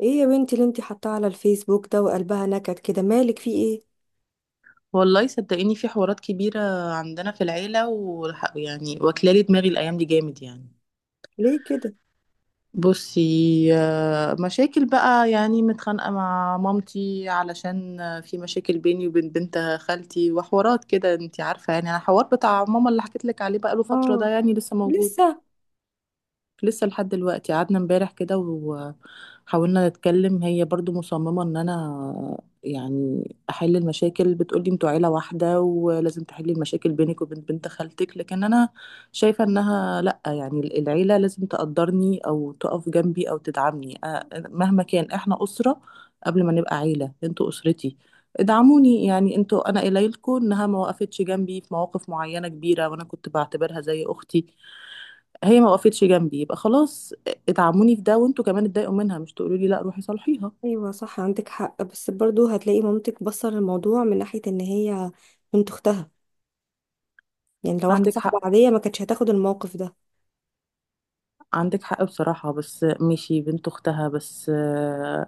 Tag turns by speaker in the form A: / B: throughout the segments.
A: ايه يا بنتي اللي انتي حاطاه على الفيسبوك ده وقلبها نكد كده؟ مالك، في ايه؟
B: والله صدقيني في حوارات كبيرة عندنا في العيلة، ويعني واكلالي دماغي الأيام دي جامد يعني.
A: ليه كده؟
B: بصي، مشاكل بقى يعني، متخانقة مع مامتي علشان في مشاكل بيني وبين بنت خالتي وحوارات كده. انتي عارفة يعني الحوار بتاع ماما اللي حكيت لك عليه بقاله فترة ده،
A: اه.
B: يعني لسه موجود،
A: لسه؟
B: لسه لحد دلوقتي. قعدنا امبارح كده وحاولنا نتكلم، هي برضو مصممة ان انا يعني احل المشاكل. بتقولي انتوا عيلة واحدة ولازم تحلي المشاكل بينك وبين بنت خالتك، لكن انا شايفة انها لا، يعني العيلة لازم تقدرني او تقف جنبي او تدعمني. مهما كان احنا اسرة، قبل ما نبقى عيلة انتوا اسرتي. ادعموني يعني، انتوا انا قليلكم انها ما وقفتش جنبي في مواقف معينة كبيرة، وانا كنت بعتبرها زي اختي. هي ما وقفتش جنبي يبقى خلاص، اتعموني في ده، وانتوا كمان اتضايقوا منها، مش تقولوا لي لا روحي صالحيها.
A: ايوه صح، عندك حق، بس برضو هتلاقي مامتك بصر الموضوع من ناحية ان هي بنت اختها، يعني لو واحدة
B: عندك
A: صاحبة
B: حق،
A: عادية ما كانتش هتاخد الموقف ده.
B: عندك حق بصراحة، بس ماشي بنت أختها، بس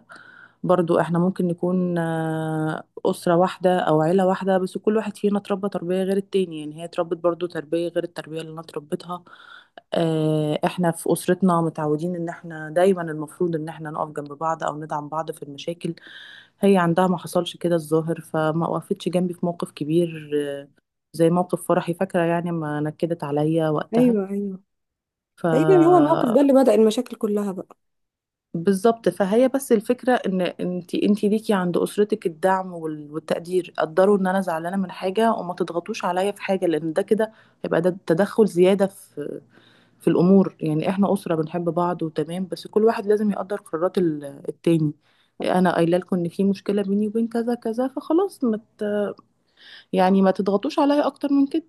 B: برضو احنا ممكن نكون أسرة واحدة أو عيلة واحدة، بس كل واحد فينا اتربى تربية غير التاني. يعني هي اتربت برضو تربية غير التربية اللي أنا اتربيتها. احنا في أسرتنا متعودين إن احنا دايما المفروض إن احنا نقف جنب بعض أو ندعم بعض في المشاكل. هي عندها ما حصلش كده الظاهر، فما وقفتش جنبي في موقف كبير زي موقف فرحي، فاكرة، يعني ما نكدت عليا وقتها.
A: ايوه ايوه.
B: ف
A: تقريبا هو الموقف ده اللي بدأ المشاكل كلها بقى.
B: بالظبط. فهي بس الفكرة ان انت، انت ليكي عند اسرتك الدعم والتقدير. قدروا ان انا زعلانة من حاجة وما تضغطوش عليا في حاجة، لان ده كده هيبقى ده تدخل زيادة في في الامور. يعني احنا اسرة بنحب بعض وتمام، بس كل واحد لازم يقدر قرارات التاني. انا قايله لكم ان في مشكلة بيني وبين كذا كذا، فخلاص ما ت- يعني ما تضغطوش عليا اكتر من كده.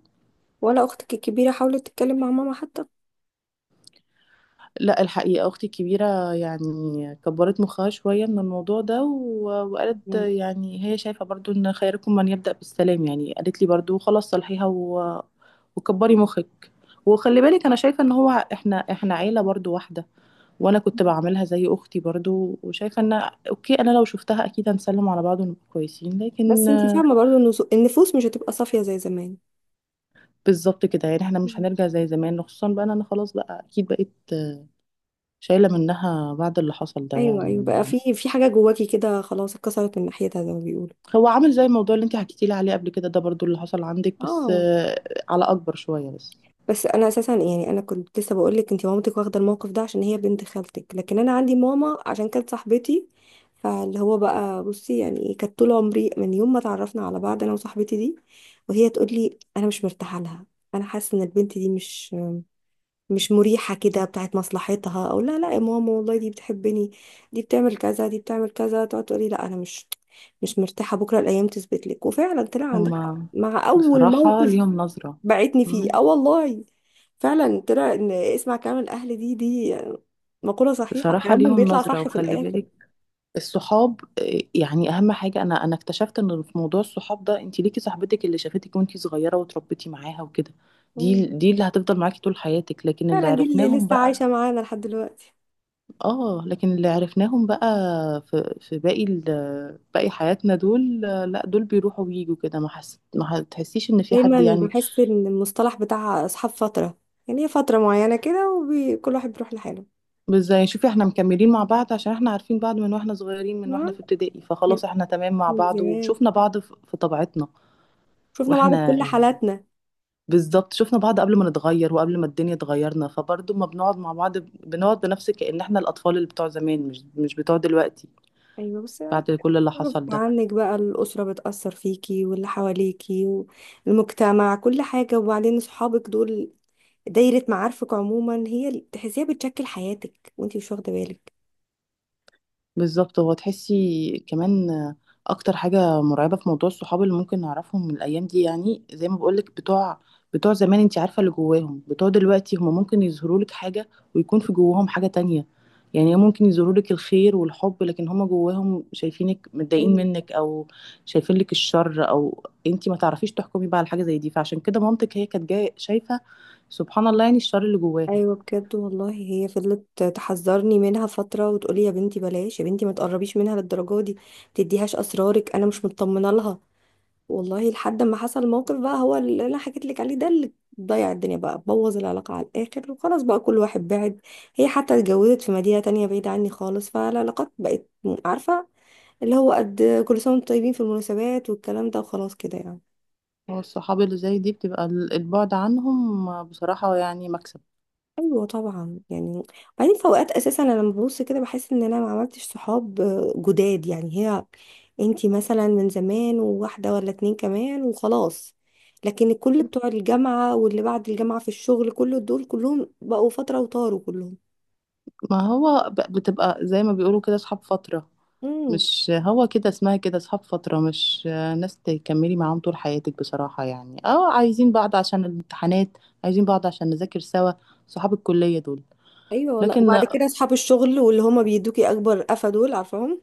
A: ولا اختك الكبيرة حاولت تتكلم مع ماما حتى؟
B: لا الحقيقة أختي الكبيرة يعني كبرت مخها شوية من الموضوع ده، وقالت
A: مم.
B: يعني هي شايفة برضو إن خيركم من يبدأ بالسلام. يعني قالت لي برضو خلاص صلحيها وكبري مخك وخلي بالك. أنا شايفة إن هو إحنا، عيلة برضو واحدة، وأنا كنت بعملها زي أختي برضو، وشايفة إن أوكي أنا لو شفتها أكيد هنسلم على بعض ونبقى كويسين، لكن
A: بس انتي فاهمة برضو ان النفوس مش هتبقى صافية زي زمان.
B: بالظبط كده. يعني إحنا مش
A: مم.
B: هنرجع زي زمان، خصوصا بقى إن أنا خلاص بقى أكيد بقيت شايلة منها بعد اللي حصل ده
A: ايوه ايوه،
B: يعني.
A: بقى في حاجة جواكي كده خلاص اتكسرت من ناحيتها زي ما بيقولوا.
B: هو عامل زي الموضوع اللي انت حكيتي لي عليه قبل كده، ده برضو اللي حصل عندك، بس
A: اه.
B: على اكبر شوية بس.
A: بس انا اساسا يعني انا كنت لسه بقول لك، انت مامتك واخده الموقف ده عشان هي بنت خالتك، لكن انا عندي ماما عشان كانت صاحبتي. فاللي هو بقى بصي، يعني ايه، كانت طول عمري من يوم ما اتعرفنا على بعض انا وصاحبتي دي وهي تقول لي انا مش مرتاحه لها، انا حاسه ان البنت دي مش مريحه كده، بتاعت مصلحتها او لا. لا يا ماما والله دي بتحبني، دي بتعمل كذا، دي بتعمل كذا. تقعد تقول لي لا انا مش مرتاحه. بكره الايام تثبت لك، وفعلا طلع عندها حق
B: هما
A: مع اول
B: بصراحة
A: موقف
B: ليهم نظرة.
A: بعتني فيه.
B: مم.
A: اه والله، فعلا طلع ان اسمع كلام الاهل، دي مقولة صحيحة،
B: بصراحة
A: كلامهم
B: ليهم
A: بيطلع
B: نظرة،
A: صح في
B: وخلي
A: الاخر.
B: بالك الصحاب يعني. اهم حاجة انا، اكتشفت ان في موضوع الصحاب ده، انت ليكي صاحبتك اللي شافتك وانت صغيرة وتربيتي معاها وكده،
A: مم.
B: دي اللي هتفضل معاكي طول حياتك. لكن اللي
A: فعلا دي اللي
B: عرفناهم
A: لسه
B: بقى،
A: عايشة معانا لحد دلوقتي.
B: اه، لكن اللي عرفناهم بقى في باقي باقي حياتنا، دول لا، دول بيروحوا ويجوا كده، ما تحسيش ان في حد
A: دايما
B: يعني.
A: بحس ان المصطلح بتاع اصحاب فترة، يعني هي فترة معينة كده وكل واحد بيروح لحاله.
B: مش زي، شوفي احنا مكملين مع بعض عشان احنا عارفين بعض من واحنا صغيرين، من واحنا
A: تمام؟
B: في ابتدائي،
A: من
B: فخلاص احنا تمام مع
A: من
B: بعض
A: زمان،
B: وشفنا بعض في طبيعتنا
A: شفنا بعض في
B: واحنا،
A: كل حالاتنا.
B: بالظبط، شفنا بعض قبل ما نتغير وقبل ما الدنيا تغيرنا. فبرضه ما بنقعد مع بعض، بنقعد بنفس كأن احنا الاطفال اللي بتوع زمان مش بتوع دلوقتي.
A: ايوه بس يعني،
B: بعد كل اللي
A: غصب
B: حصل ده،
A: عنك بقى الاسرة بتأثر فيكي واللي حواليكي والمجتمع، كل حاجة. وبعدين صحابك دول، دايرة معارفك عموما، هي اللي تحسيها بتشكل حياتك وانتي مش واخدة بالك.
B: بالظبط. هو تحسي كمان اكتر حاجه مرعبه في موضوع الصحاب اللي ممكن نعرفهم من الايام دي، يعني زي ما بقولك، بتوع زمان انت عارفه اللي جواهم، بتوع دلوقتي هم ممكن يظهروا لك حاجه ويكون في جواهم حاجه تانية. يعني ممكن يظهروا لك الخير والحب، لكن هم جواهم شايفينك متضايقين
A: ايوه
B: منك، او شايفين لك الشر، او انت ما تعرفيش تحكمي بقى على حاجه زي دي. فعشان كده مامتك هي كانت جايه شايفه، سبحان الله، يعني الشر اللي جواها.
A: ايوه بجد. والله هي فضلت تحذرني منها فترة وتقولي يا بنتي بلاش، يا بنتي ما تقربيش منها للدرجة دي، ما تديهاش اسرارك، انا مش مطمنة لها. والله لحد ما حصل موقف بقى، هو اللي انا حكيت لك عليه ده، اللي ضيع الدنيا بقى، بوظ العلاقة على الاخر، وخلاص بقى كل واحد بعد. هي حتى اتجوزت في مدينة تانية بعيدة عني خالص، فالعلاقات بقت، عارفة، اللي هو قد كل سنة وانتم طيبين في المناسبات والكلام ده، وخلاص كده يعني.
B: هو الصحاب اللي زي دي بتبقى البعد عنهم بصراحه يعني مكسب.
A: ايوه طبعا يعني. بعدين في اوقات اساسا انا لما ببص كده بحس ان انا ما عملتش صحاب جداد، يعني هي انتي مثلا من زمان، وواحده ولا اتنين كمان، وخلاص. لكن الكل، بتوع الجامعه واللي بعد الجامعه في الشغل، كل دول كلهم بقوا فتره وطاروا كلهم.
B: ما هو بتبقى زي ما بيقولوا كده اصحاب فترة،
A: امم.
B: مش هو كده اسمها، كده اصحاب فترة، مش ناس تكملي معاهم طول حياتك بصراحة. يعني اه، عايزين بعض عشان الامتحانات، عايزين بعض عشان نذاكر سوا، صحاب الكلية دول.
A: ايوه والله.
B: لكن
A: وبعد كده اصحاب الشغل واللي هما بيدوكي اكبر قفا، دول عارفاهم.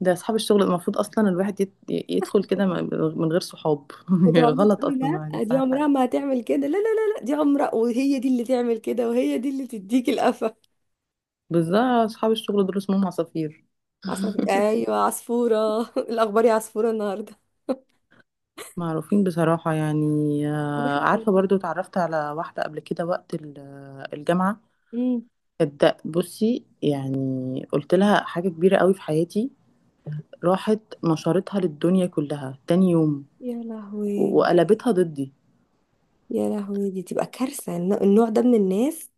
B: ده اصحاب الشغل المفروض اصلا الواحد يدخل كده من غير صحاب
A: وتقعدي
B: غلط
A: تقولي
B: اصلا يعني
A: لا دي
B: صاحب
A: عمرها
B: حد.
A: ما هتعمل كده، لا لا لا لا، دي عمرها وهي دي اللي تعمل كده، وهي دي اللي تديكي القفا.
B: بالذات اصحاب الشغل دول اسمهم عصافير.
A: ايوه عصفورة الاخبار يا عصفورة النهاردة.
B: معروفين بصراحة يعني.
A: أنا بحس.
B: عارفة برضو اتعرفت على واحدة قبل كده وقت الجامعة،
A: امم.
B: صدق. بصي يعني، قلت لها حاجة كبيرة قوي في حياتي، راحت نشرتها للدنيا كلها تاني يوم،
A: يا لهوي.
B: وقلبتها ضدي.
A: يا لهوي، دي تبقى كارثة، النوع ده من الناس.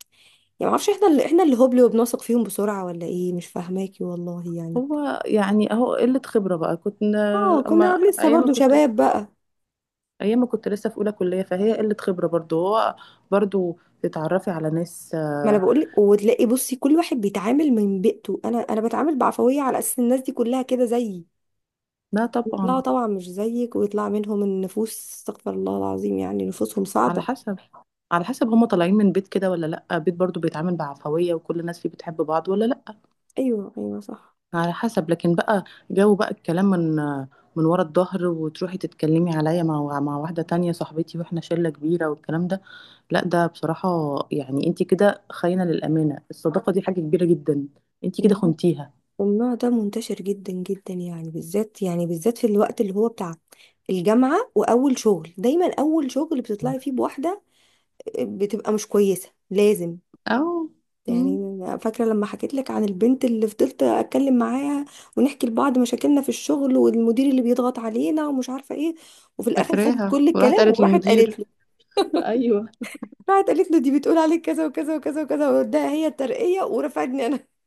A: يعني معرفش، احنا اللي هبل وبنثق فيهم بسرعة، ولا ايه؟ مش فاهماكي والله يعني.
B: هو يعني اهو قلة خبرة بقى، كنت،
A: اه،
B: اما
A: كنا لسه
B: ايام ما
A: برضو
B: كنت،
A: شباب بقى.
B: لسه في اولى كلية، فهي قلة خبرة برضو. هو برضو تتعرفي على ناس
A: ما انا بقول لك. وتلاقي بصي كل واحد بيتعامل من بيئته، انا بتعامل بعفوية على اساس الناس دي كلها كده زيي.
B: لا
A: يطلعوا
B: طبعا.
A: طبعا مش زيك، ويطلع منهم النفوس، استغفر الله العظيم، يعني نفوسهم
B: على
A: صعبة.
B: حسب، هما طالعين من بيت كده، ولا لا، بيت برضو بيتعامل بعفوية وكل الناس فيه بتحب بعض، ولا لا.
A: ايوه ايوه صح.
B: على حسب. لكن بقى جو بقى الكلام من ورا الظهر، وتروحي تتكلمي عليا مع واحدة تانية صاحبتي واحنا شلة كبيرة والكلام ده، لا ده بصراحة يعني انت كده خاينة للأمانة. الصداقة دي حاجة كبيرة جدا، انت كده خنتيها.
A: النوع ده منتشر جدا جدا يعني، بالذات يعني بالذات في الوقت اللي هو بتاع الجامعة وأول شغل. دايما أول شغل بتطلعي فيه بواحدة بتبقى مش كويسة، لازم
B: أو،
A: يعني.
B: مم،
A: أنا فاكرة لما حكيت لك عن البنت اللي فضلت أتكلم معاها ونحكي لبعض مشاكلنا في الشغل والمدير اللي بيضغط علينا ومش عارفة إيه، وفي الآخر خدت
B: فاكراها،
A: كل
B: وراحت
A: الكلام
B: قالت
A: وراحت قالت
B: للمدير.
A: له.
B: أيوه،
A: راحت قالت له دي بتقول عليك كذا وكذا وكذا وكذا، وده هي الترقية ورفعتني أنا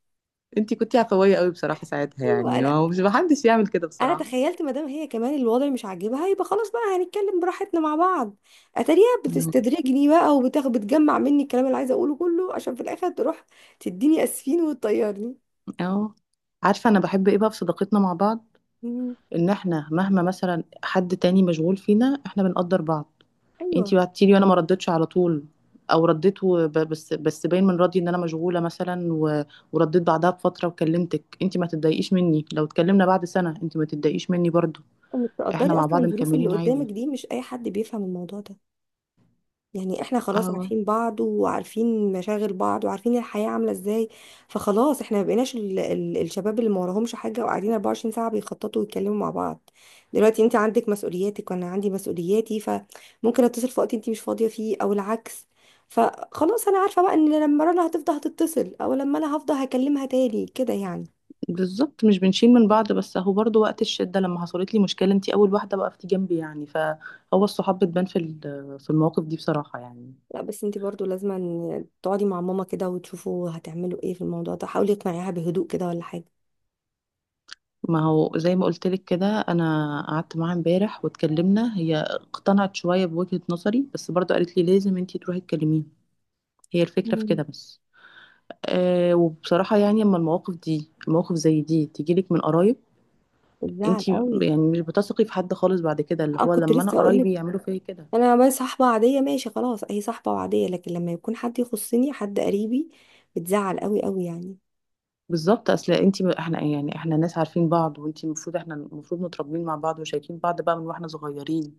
B: أنتي كنتي عفوية قوي بصراحة ساعتها
A: أيوه.
B: يعني،
A: أنا
B: ومش، محدش يعمل كده
A: انا
B: بصراحة.
A: تخيلت مادام هي كمان الوضع مش عاجبها يبقى خلاص بقى هنتكلم براحتنا مع بعض. اتاريها
B: مم.
A: بتستدرجني بقى، وبتاخد بتجمع مني الكلام اللي عايزه اقوله كله عشان في الاخر تروح تديني اسفين وتطيرني.
B: اه، عارفة انا بحب ايه بقى في صداقتنا مع بعض؟
A: مم.
B: ان احنا مهما مثلا حد تاني مشغول فينا، احنا بنقدر بعض.
A: ايوه.
B: انتي بعتيلي وانا ما ردتش على طول، او رديت بس باين من ردي ان انا مشغوله مثلا، ورديت بعدها بفتره وكلمتك. انتي ما تتضايقيش مني لو اتكلمنا بعد سنه، انتي ما تتضايقيش مني برضو.
A: انك
B: احنا
A: تقدري
B: مع
A: اصلا
B: بعض
A: الظروف اللي
B: مكملين عادي.
A: قدامك دي، مش اي حد بيفهم الموضوع ده. يعني احنا خلاص
B: اه،
A: عارفين بعض وعارفين مشاغل بعض وعارفين الحياة عاملة ازاي، فخلاص احنا ما بقيناش ال الشباب اللي ما وراهمش حاجة وقاعدين 24 ساعة بيخططوا ويتكلموا مع بعض. دلوقتي انت عندك مسؤولياتك وانا عندي مسؤولياتي، فممكن اتصل في وقت انت مش فاضية فيه او العكس. فخلاص انا عارفة بقى ان لما رنا هتفضل هتتصل، او لما انا هفضل هكلمها تاني كده يعني.
B: بالظبط. مش بنشيل من بعض، بس اهو برضو وقت الشده لما حصلت لي مشكله انتي اول واحده وقفتي جنبي. يعني فهو الصحاب بتبان في في المواقف دي بصراحه يعني.
A: لا بس انت برضو لازم أن تقعدي مع ماما كده وتشوفوا هتعملوا ايه في الموضوع ده، حاولي اقنعيها بهدوء كده ولا حاجة.
B: ما هو زي ما قلت لك كده، انا قعدت معاها امبارح واتكلمنا، هي اقتنعت شويه بوجهه نظري، بس برضه قالت لي لازم انتي تروحي تكلميها، هي الفكره في كده
A: مم.
B: بس. أه، وبصراحه يعني اما المواقف دي، مواقف زي دي تجيلك من قرايب،
A: بتزعل
B: انتي
A: قوي.
B: يعني مش بتثقي في حد خالص بعد كده، اللي
A: اه
B: هو
A: كنت
B: لما انا
A: لسه اقول لك،
B: قرايبي يعملوا فيا كده.
A: انا بس صاحبه عاديه ماشي خلاص، هي صاحبه وعاديه، لكن لما يكون حد يخصني، حد قريبي، بتزعل قوي قوي يعني.
B: بالظبط. اصل انتي احنا يعني احنا ناس عارفين بعض، وانتي المفروض، احنا المفروض متربيين مع بعض وشايفين بعض بقى من واحنا صغيرين،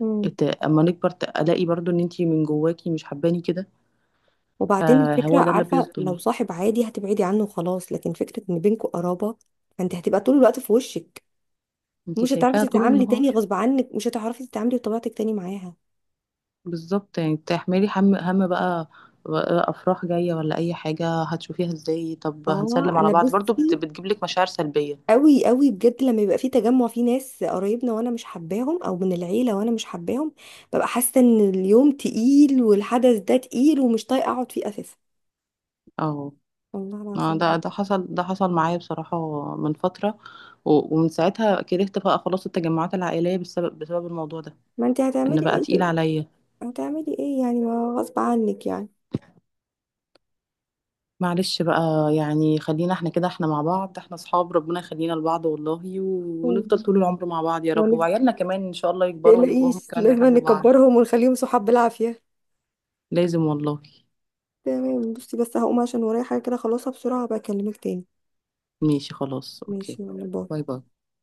A: امم.
B: اما نكبر الاقي برضو ان انتي من جواكي مش حباني كده،
A: وبعدين الفكره،
B: فهو ده اللي
A: عارفه، لو
B: بيصدم.
A: صاحب عادي هتبعدي عنه خلاص، لكن فكره ان بينكوا قرابه، فانت هتبقى طول الوقت في وشك،
B: انت
A: مش
B: شايفاها
A: هتعرفي
B: طول
A: تتعاملي
B: النهار،
A: تاني غصب عنك، مش هتعرفي تتعاملي بطبيعتك تاني معاها.
B: بالظبط. يعني تحملي هم، بقى، بقى افراح جايه ولا اي حاجه، هتشوفيها ازاي؟ طب
A: اه
B: هنسلم على
A: انا
B: بعض برضو،
A: بصي،
B: بتجيب لك مشاعر سلبيه.
A: قوي قوي بجد، لما يبقى في تجمع في ناس قرايبنا وانا مش حباهم، او من العيله وانا مش حباهم، ببقى حاسه ان اليوم تقيل والحدث ده تقيل ومش طايقه اقعد فيه اساسا،
B: اه،
A: والله العظيم
B: ده،
A: بجد.
B: حصل، ده حصل معايا بصراحه من فتره، ومن ساعتها كرهت بقى خلاص التجمعات العائليه بسبب الموضوع ده،
A: ما انت
B: ان
A: هتعملي
B: بقى تقيل
A: ايه؟
B: عليا.
A: هتعملي ايه يعني؟ ما غصب عنك يعني.
B: معلش بقى. يعني خلينا احنا كده، احنا مع بعض، احنا اصحاب، ربنا يخلينا لبعض والله ونفضل
A: مم.
B: طول العمر مع بعض يا رب،
A: وانا
B: وعيالنا كمان ان شاء الله يكبروا ويبقوا هم
A: تقلقيش،
B: كمان
A: لازم
B: بيحبوا بعض.
A: نكبرهم ونخليهم صحاب بالعافيه.
B: لازم والله.
A: تمام. بصي بس هقوم عشان ورايا حاجه كده خلصها بسرعه، بكلمك تاني.
B: ماشي خلاص، اوكي.
A: ماشي يلا باي.
B: باي باي.